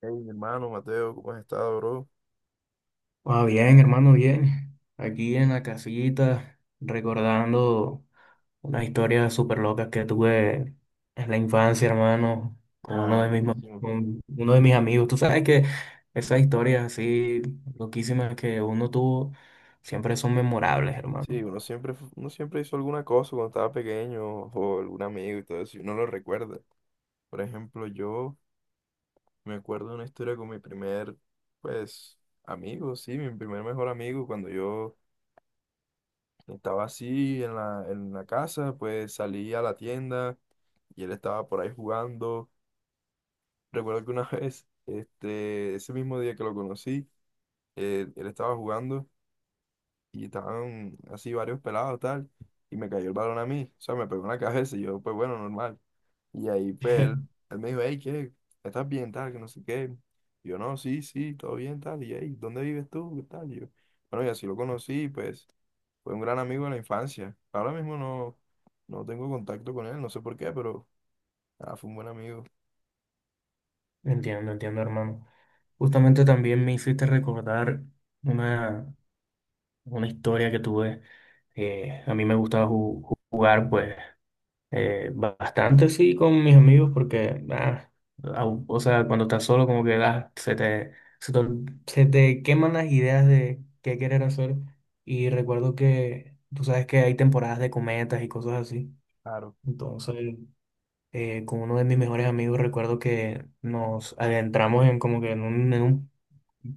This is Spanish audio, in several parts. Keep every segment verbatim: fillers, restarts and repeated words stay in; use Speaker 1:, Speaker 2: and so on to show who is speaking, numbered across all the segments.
Speaker 1: Hey, mi hermano Mateo, ¿cómo has estado, bro?
Speaker 2: Ah, bien, hermano, bien. Aquí en la casita, recordando unas historias súper locas que tuve en la infancia, hermano, con uno
Speaker 1: Ah,
Speaker 2: de mis, ma-
Speaker 1: buenísimo.
Speaker 2: con uno de mis amigos. Tú sabes que esas historias así loquísimas que uno tuvo siempre son memorables, hermano.
Speaker 1: Sí, uno siempre, fu- uno siempre hizo alguna cosa cuando estaba pequeño o algún amigo y todo eso, y uno lo recuerda. Por ejemplo, yo me acuerdo de una historia con mi primer, pues, amigo, sí, mi primer mejor amigo, cuando yo estaba así en la, en la casa, pues salí a la tienda y él estaba por ahí jugando. Recuerdo que una vez, este, ese mismo día que lo conocí, eh, él estaba jugando, y estaban así varios pelados, tal, y me cayó el balón a mí, o sea, me pegó en la cabeza y yo, pues bueno, normal. Y ahí, pues, él, él me dijo, hey, ¿qué? ¿Estás bien, tal, que no sé qué? Y yo, no, sí, sí, todo bien, tal, y hey, ¿dónde vives tú? ¿Qué tal? Y yo, bueno, y así lo conocí, pues, fue un gran amigo de la infancia. Ahora mismo no, no tengo contacto con él, no sé por qué, pero, ah, fue un buen amigo,
Speaker 2: Entiendo, entiendo, hermano. Justamente también me hiciste recordar una, una historia que tuve. Eh, a mí me gustaba ju- jugar, pues. Eh, bastante sí con mis amigos porque, ah, au- o sea, cuando estás solo, como que ah, se te, se te, ol- se te queman las ideas de qué querer hacer. Y recuerdo que tú sabes que hay temporadas de cometas y cosas así.
Speaker 1: claro.
Speaker 2: Entonces, eh, con uno de mis mejores amigos, recuerdo que nos adentramos en como que en un, en un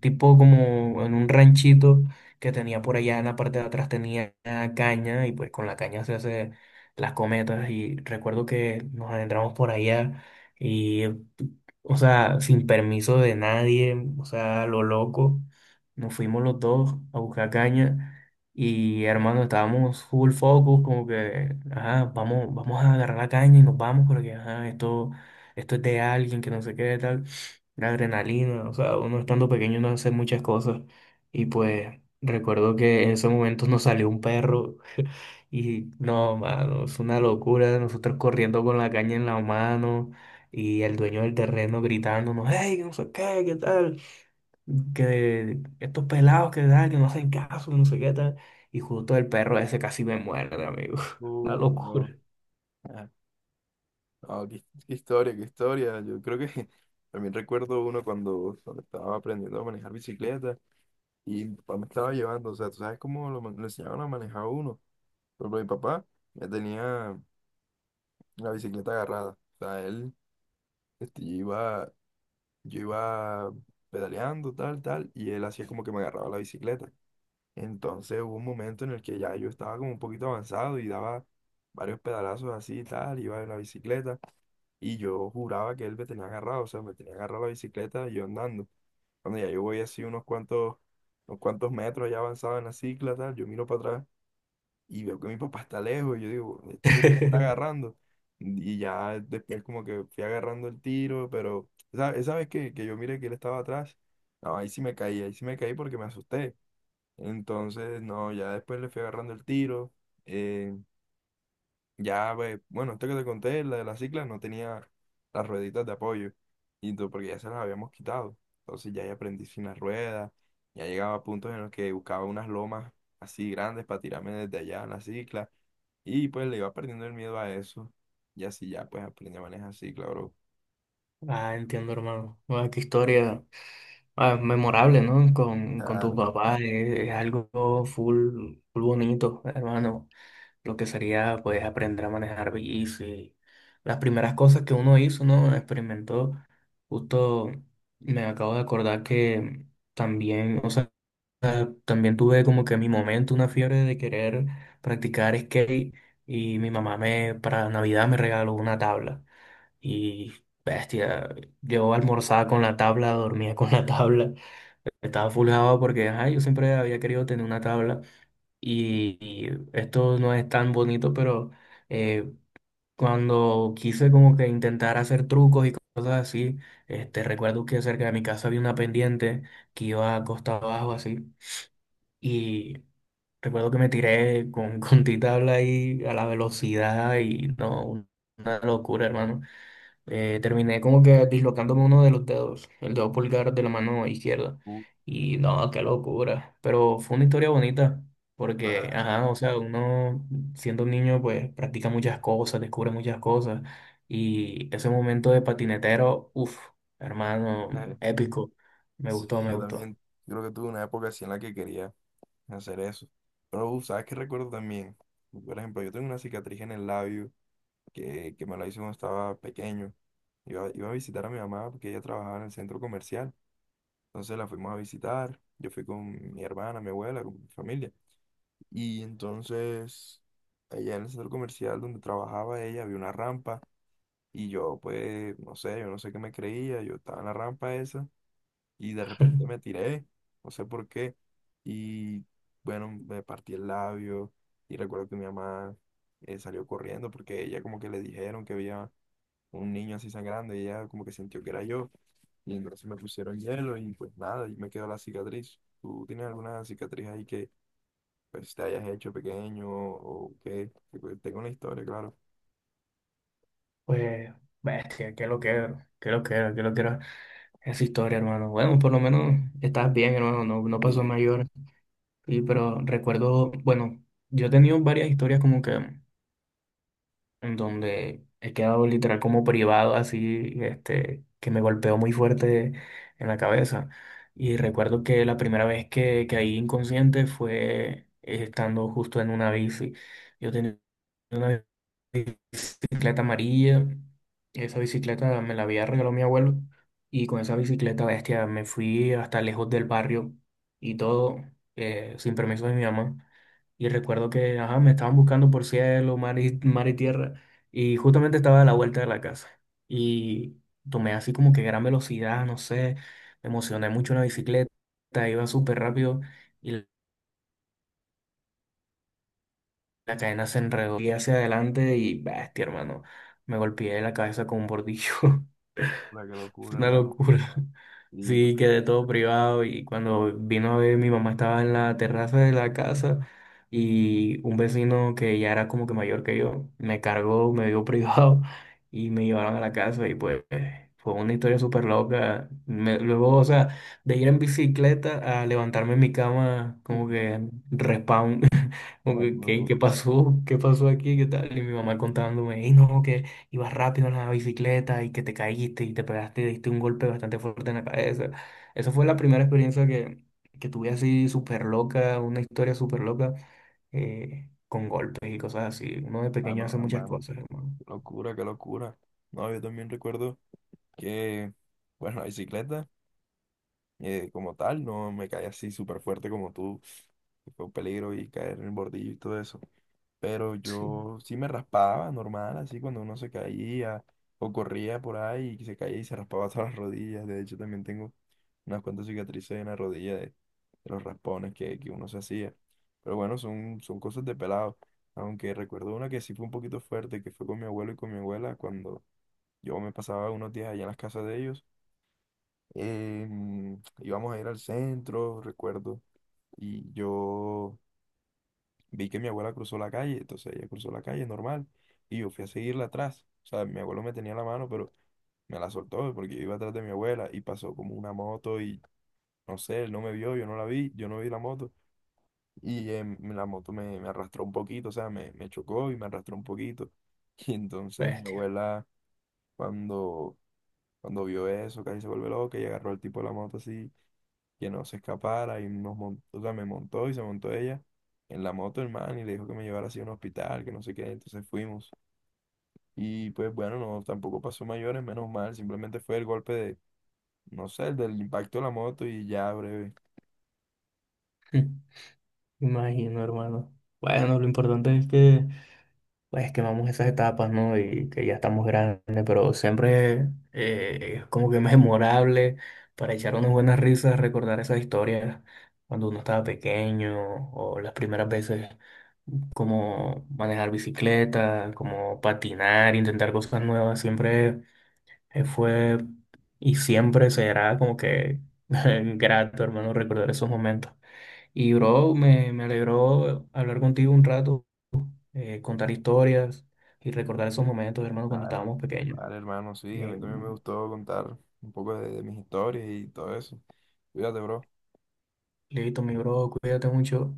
Speaker 2: tipo como en un ranchito que tenía por allá. En la parte de atrás tenía caña, y pues con la caña se hace las cometas, y recuerdo que nos adentramos por allá y, o sea, sin permiso de nadie, o sea, lo loco, nos fuimos los dos a buscar caña. Y hermano, estábamos full focus, como que, ajá, vamos, vamos a agarrar la caña y nos vamos, porque ajá, esto, esto es de alguien, que no sé qué, tal. La adrenalina, o sea, uno estando pequeño no hace muchas cosas. Y pues recuerdo que en esos momentos nos salió un perro y no, mano, es una locura, nosotros corriendo con la caña en la mano y el dueño del terreno gritándonos, hey, que no sé qué, qué tal, que estos pelados que dan, que no hacen caso, no sé qué tal. Y justo el perro ese casi me muerde, amigo. Una
Speaker 1: Uh, no.
Speaker 2: locura.
Speaker 1: Ah, qué, qué historia, qué historia. Yo creo que también recuerdo uno cuando, cuando estaba aprendiendo a manejar bicicleta y mi papá me estaba llevando. O sea, tú sabes cómo lo, man- lo enseñaban a manejar a uno. Por ejemplo, mi papá ya tenía la bicicleta agarrada. O sea, él, este, yo iba, yo iba pedaleando, tal, tal, y él hacía como que me agarraba la bicicleta. Entonces hubo un momento en el que ya yo estaba como un poquito avanzado y daba varios pedalazos así y tal, iba en la bicicleta. Y yo juraba que él me tenía agarrado, o sea, me tenía agarrado la bicicleta y yo andando. Cuando ya yo voy así unos cuantos, unos cuantos metros ya avanzado en la cicla, tal, yo miro para atrás y veo que mi papá está lejos y yo digo, esto sí que me está agarrando. Y ya después como que fui agarrando el tiro, pero esa, esa vez que, que yo miré que él estaba atrás, no, ahí sí me caí, ahí sí me caí porque me asusté. Entonces, no, ya después le fui agarrando el tiro. eh, ya, ve, bueno, esto que te conté, la de la cicla, no tenía las rueditas de apoyo, y tú, porque ya se las habíamos quitado. Entonces ya, ya aprendí sin las ruedas, ya llegaba a puntos en los que buscaba unas lomas así grandes para tirarme desde allá en la cicla, y pues le iba perdiendo el miedo a eso, y así ya pues aprendí a manejar cicla, bro.
Speaker 2: Ah, entiendo, hermano. Ah, qué historia ah, memorable, ¿no? Con, con tu
Speaker 1: Claro,
Speaker 2: papá. eh, Es algo full, full bonito, hermano. Lo que sería, pues, aprender a manejar bici. Las primeras cosas que uno hizo, ¿no? Experimentó. Justo me acabo de acordar que también, o sea, también tuve como que mi momento, una fiebre de querer practicar skate, y mi mamá me, para Navidad, me regaló una tabla. Y bestia, yo almorzaba con la tabla, dormía con la tabla, estaba fulgado porque ajá, yo siempre había querido tener una tabla. Y, y esto no es tan bonito, pero eh, cuando quise como que intentar hacer trucos y cosas así, este, recuerdo que cerca de mi casa había una pendiente que iba a costa abajo así. Y recuerdo que me tiré con, con ti tabla ahí a la velocidad y no, una locura, hermano. Eh, terminé como que dislocándome uno de los dedos, el dedo pulgar de la mano izquierda.
Speaker 1: tú,
Speaker 2: Y no, qué locura. Pero fue una historia bonita, porque,
Speaker 1: claro.
Speaker 2: ajá, o sea, uno siendo un niño, pues practica muchas cosas, descubre muchas cosas. Y ese momento de patinetero, uff, hermano, épico. Me gustó,
Speaker 1: Sí,
Speaker 2: me
Speaker 1: yo
Speaker 2: gustó.
Speaker 1: también creo que tuve una época así en la que quería hacer eso. Pero, uf, ¿sabes qué recuerdo también? Por ejemplo, yo tengo una cicatriz en el labio que, que me la hizo cuando estaba pequeño. Iba, iba a visitar a mi mamá porque ella trabajaba en el centro comercial. Entonces la fuimos a visitar. Yo fui con mi hermana, mi abuela, con mi familia. Y entonces, allá en el centro comercial donde trabajaba ella había una rampa. Y yo, pues, no sé, yo no sé qué me creía. Yo estaba en la rampa esa y de repente me tiré, no sé por qué. Y bueno, me partí el labio. Y recuerdo que mi mamá eh, salió corriendo porque ella como que le dijeron que había un niño así sangrando y ella como que sintió que era yo y entonces me pusieron hielo y pues nada, y me quedó la cicatriz. ¿Tú tienes alguna cicatriz ahí que pues te hayas hecho pequeño o qué? Que, pues, tengo una historia, claro.
Speaker 2: Pues, bestia, que lo quiero, que lo quiero, que lo quiero. Esa historia, hermano. Bueno, por lo menos estás bien, hermano, no, no pasó
Speaker 1: Y
Speaker 2: mayor. Y, pero recuerdo, bueno, yo he tenido varias historias como que en donde he quedado literal como privado, así, este, que me golpeó muy fuerte en la cabeza. Y recuerdo que la primera vez que caí inconsciente fue eh, estando justo en una bici. Yo tenía una bici bicicleta amarilla. Esa bicicleta me la había regalado mi abuelo, y con esa bicicleta, bestia, me fui hasta lejos del barrio y todo eh, sin permiso de mi mamá. Y recuerdo que ajá, me estaban buscando por cielo, mar y, mar y tierra, y justamente estaba a la vuelta de la casa. Y tomé así como que gran velocidad, no sé, me emocioné mucho en la bicicleta, iba súper rápido, y la la cadena se enredó y hacia adelante y, bestia, hermano, me golpeé la cabeza con un bordillo.
Speaker 1: la que locura,
Speaker 2: Una
Speaker 1: hermano.
Speaker 2: locura.
Speaker 1: Y qué
Speaker 2: Sí,
Speaker 1: pena.
Speaker 2: quedé todo privado, y cuando vino a ver, mi mamá estaba en la terraza de la casa, y un vecino que ya era como que mayor que yo me cargó, me dio privado y me llevaron a la casa, y pues fue una historia súper loca. Me- luego, o sea, de ir en bicicleta a levantarme en mi cama como que respawn, como
Speaker 1: Ah, qué
Speaker 2: que, ¿Qué,
Speaker 1: locura.
Speaker 2: qué pasó? ¿Qué pasó aquí? ¿Qué tal? Y mi mamá contándome, y no, que ibas rápido en la bicicleta y que te caíste y te pegaste, diste un golpe bastante fuerte en la cabeza. Esa fue la primera experiencia que, que tuve así súper loca, una historia súper loca, eh, con golpes y cosas así. Uno de
Speaker 1: Ah,
Speaker 2: pequeño hace
Speaker 1: no,
Speaker 2: muchas
Speaker 1: hermano.
Speaker 2: cosas, hermano.
Speaker 1: Qué locura, qué locura. No, yo también recuerdo que, bueno, la bicicleta, eh, como tal, no me caí así súper fuerte como tú. Fue un peligro y caer en el bordillo y todo eso, pero
Speaker 2: Sí,
Speaker 1: yo sí me raspaba normal, así cuando uno se caía o corría por ahí y se caía y se raspaba todas las rodillas. De hecho, también tengo unas cuantas cicatrices en la rodilla de, de los raspones que, que uno se hacía. Pero bueno, son, son cosas de pelado. Aunque recuerdo una que sí fue un poquito fuerte, que fue con mi abuelo y con mi abuela cuando yo me pasaba unos días allá en las casas de ellos. Em, íbamos a ir al centro, recuerdo, y yo vi que mi abuela cruzó la calle, entonces ella cruzó la calle normal y yo fui a seguirla atrás. O sea, mi abuelo me tenía la mano, pero me la soltó porque yo iba atrás de mi abuela y pasó como una moto y no sé, él no me vio, yo no la vi, yo no vi la moto y em, la moto me, me arrastró un poquito, o sea, me, me chocó y me arrastró un poquito. Y entonces mi
Speaker 2: bestia.
Speaker 1: abuela cuando, cuando vio eso, casi se vuelve loca y agarró al tipo de la moto así que no se escapara y nos montó, o sea, me montó y se montó ella en la moto, hermano, y le dijo que me llevara así a un hospital, que no sé qué, entonces fuimos. Y pues bueno, no, tampoco pasó mayores, menos mal, simplemente fue el golpe de, no sé, el del impacto de la moto y ya breve.
Speaker 2: Imagino, hermano. Bueno, lo importante es que pues quemamos esas etapas, ¿no? Y que ya estamos grandes, pero siempre eh, es como que memorable para echar unas buenas risas, recordar esas historias cuando uno estaba pequeño o las primeras veces, como manejar bicicleta, como patinar, intentar cosas nuevas. Siempre eh, fue y siempre será como que grato, hermano, recordar esos momentos. Y bro, me, me alegró hablar contigo un rato, eh, contar historias y recordar esos momentos, hermano, cuando
Speaker 1: Vale,
Speaker 2: estábamos pequeños.
Speaker 1: vale, hermano, sí, a
Speaker 2: Eh,
Speaker 1: mí también me gustó contar un poco de, de mis historias y todo eso. Cuídate, bro.
Speaker 2: Listo, mi bro, cuídate mucho.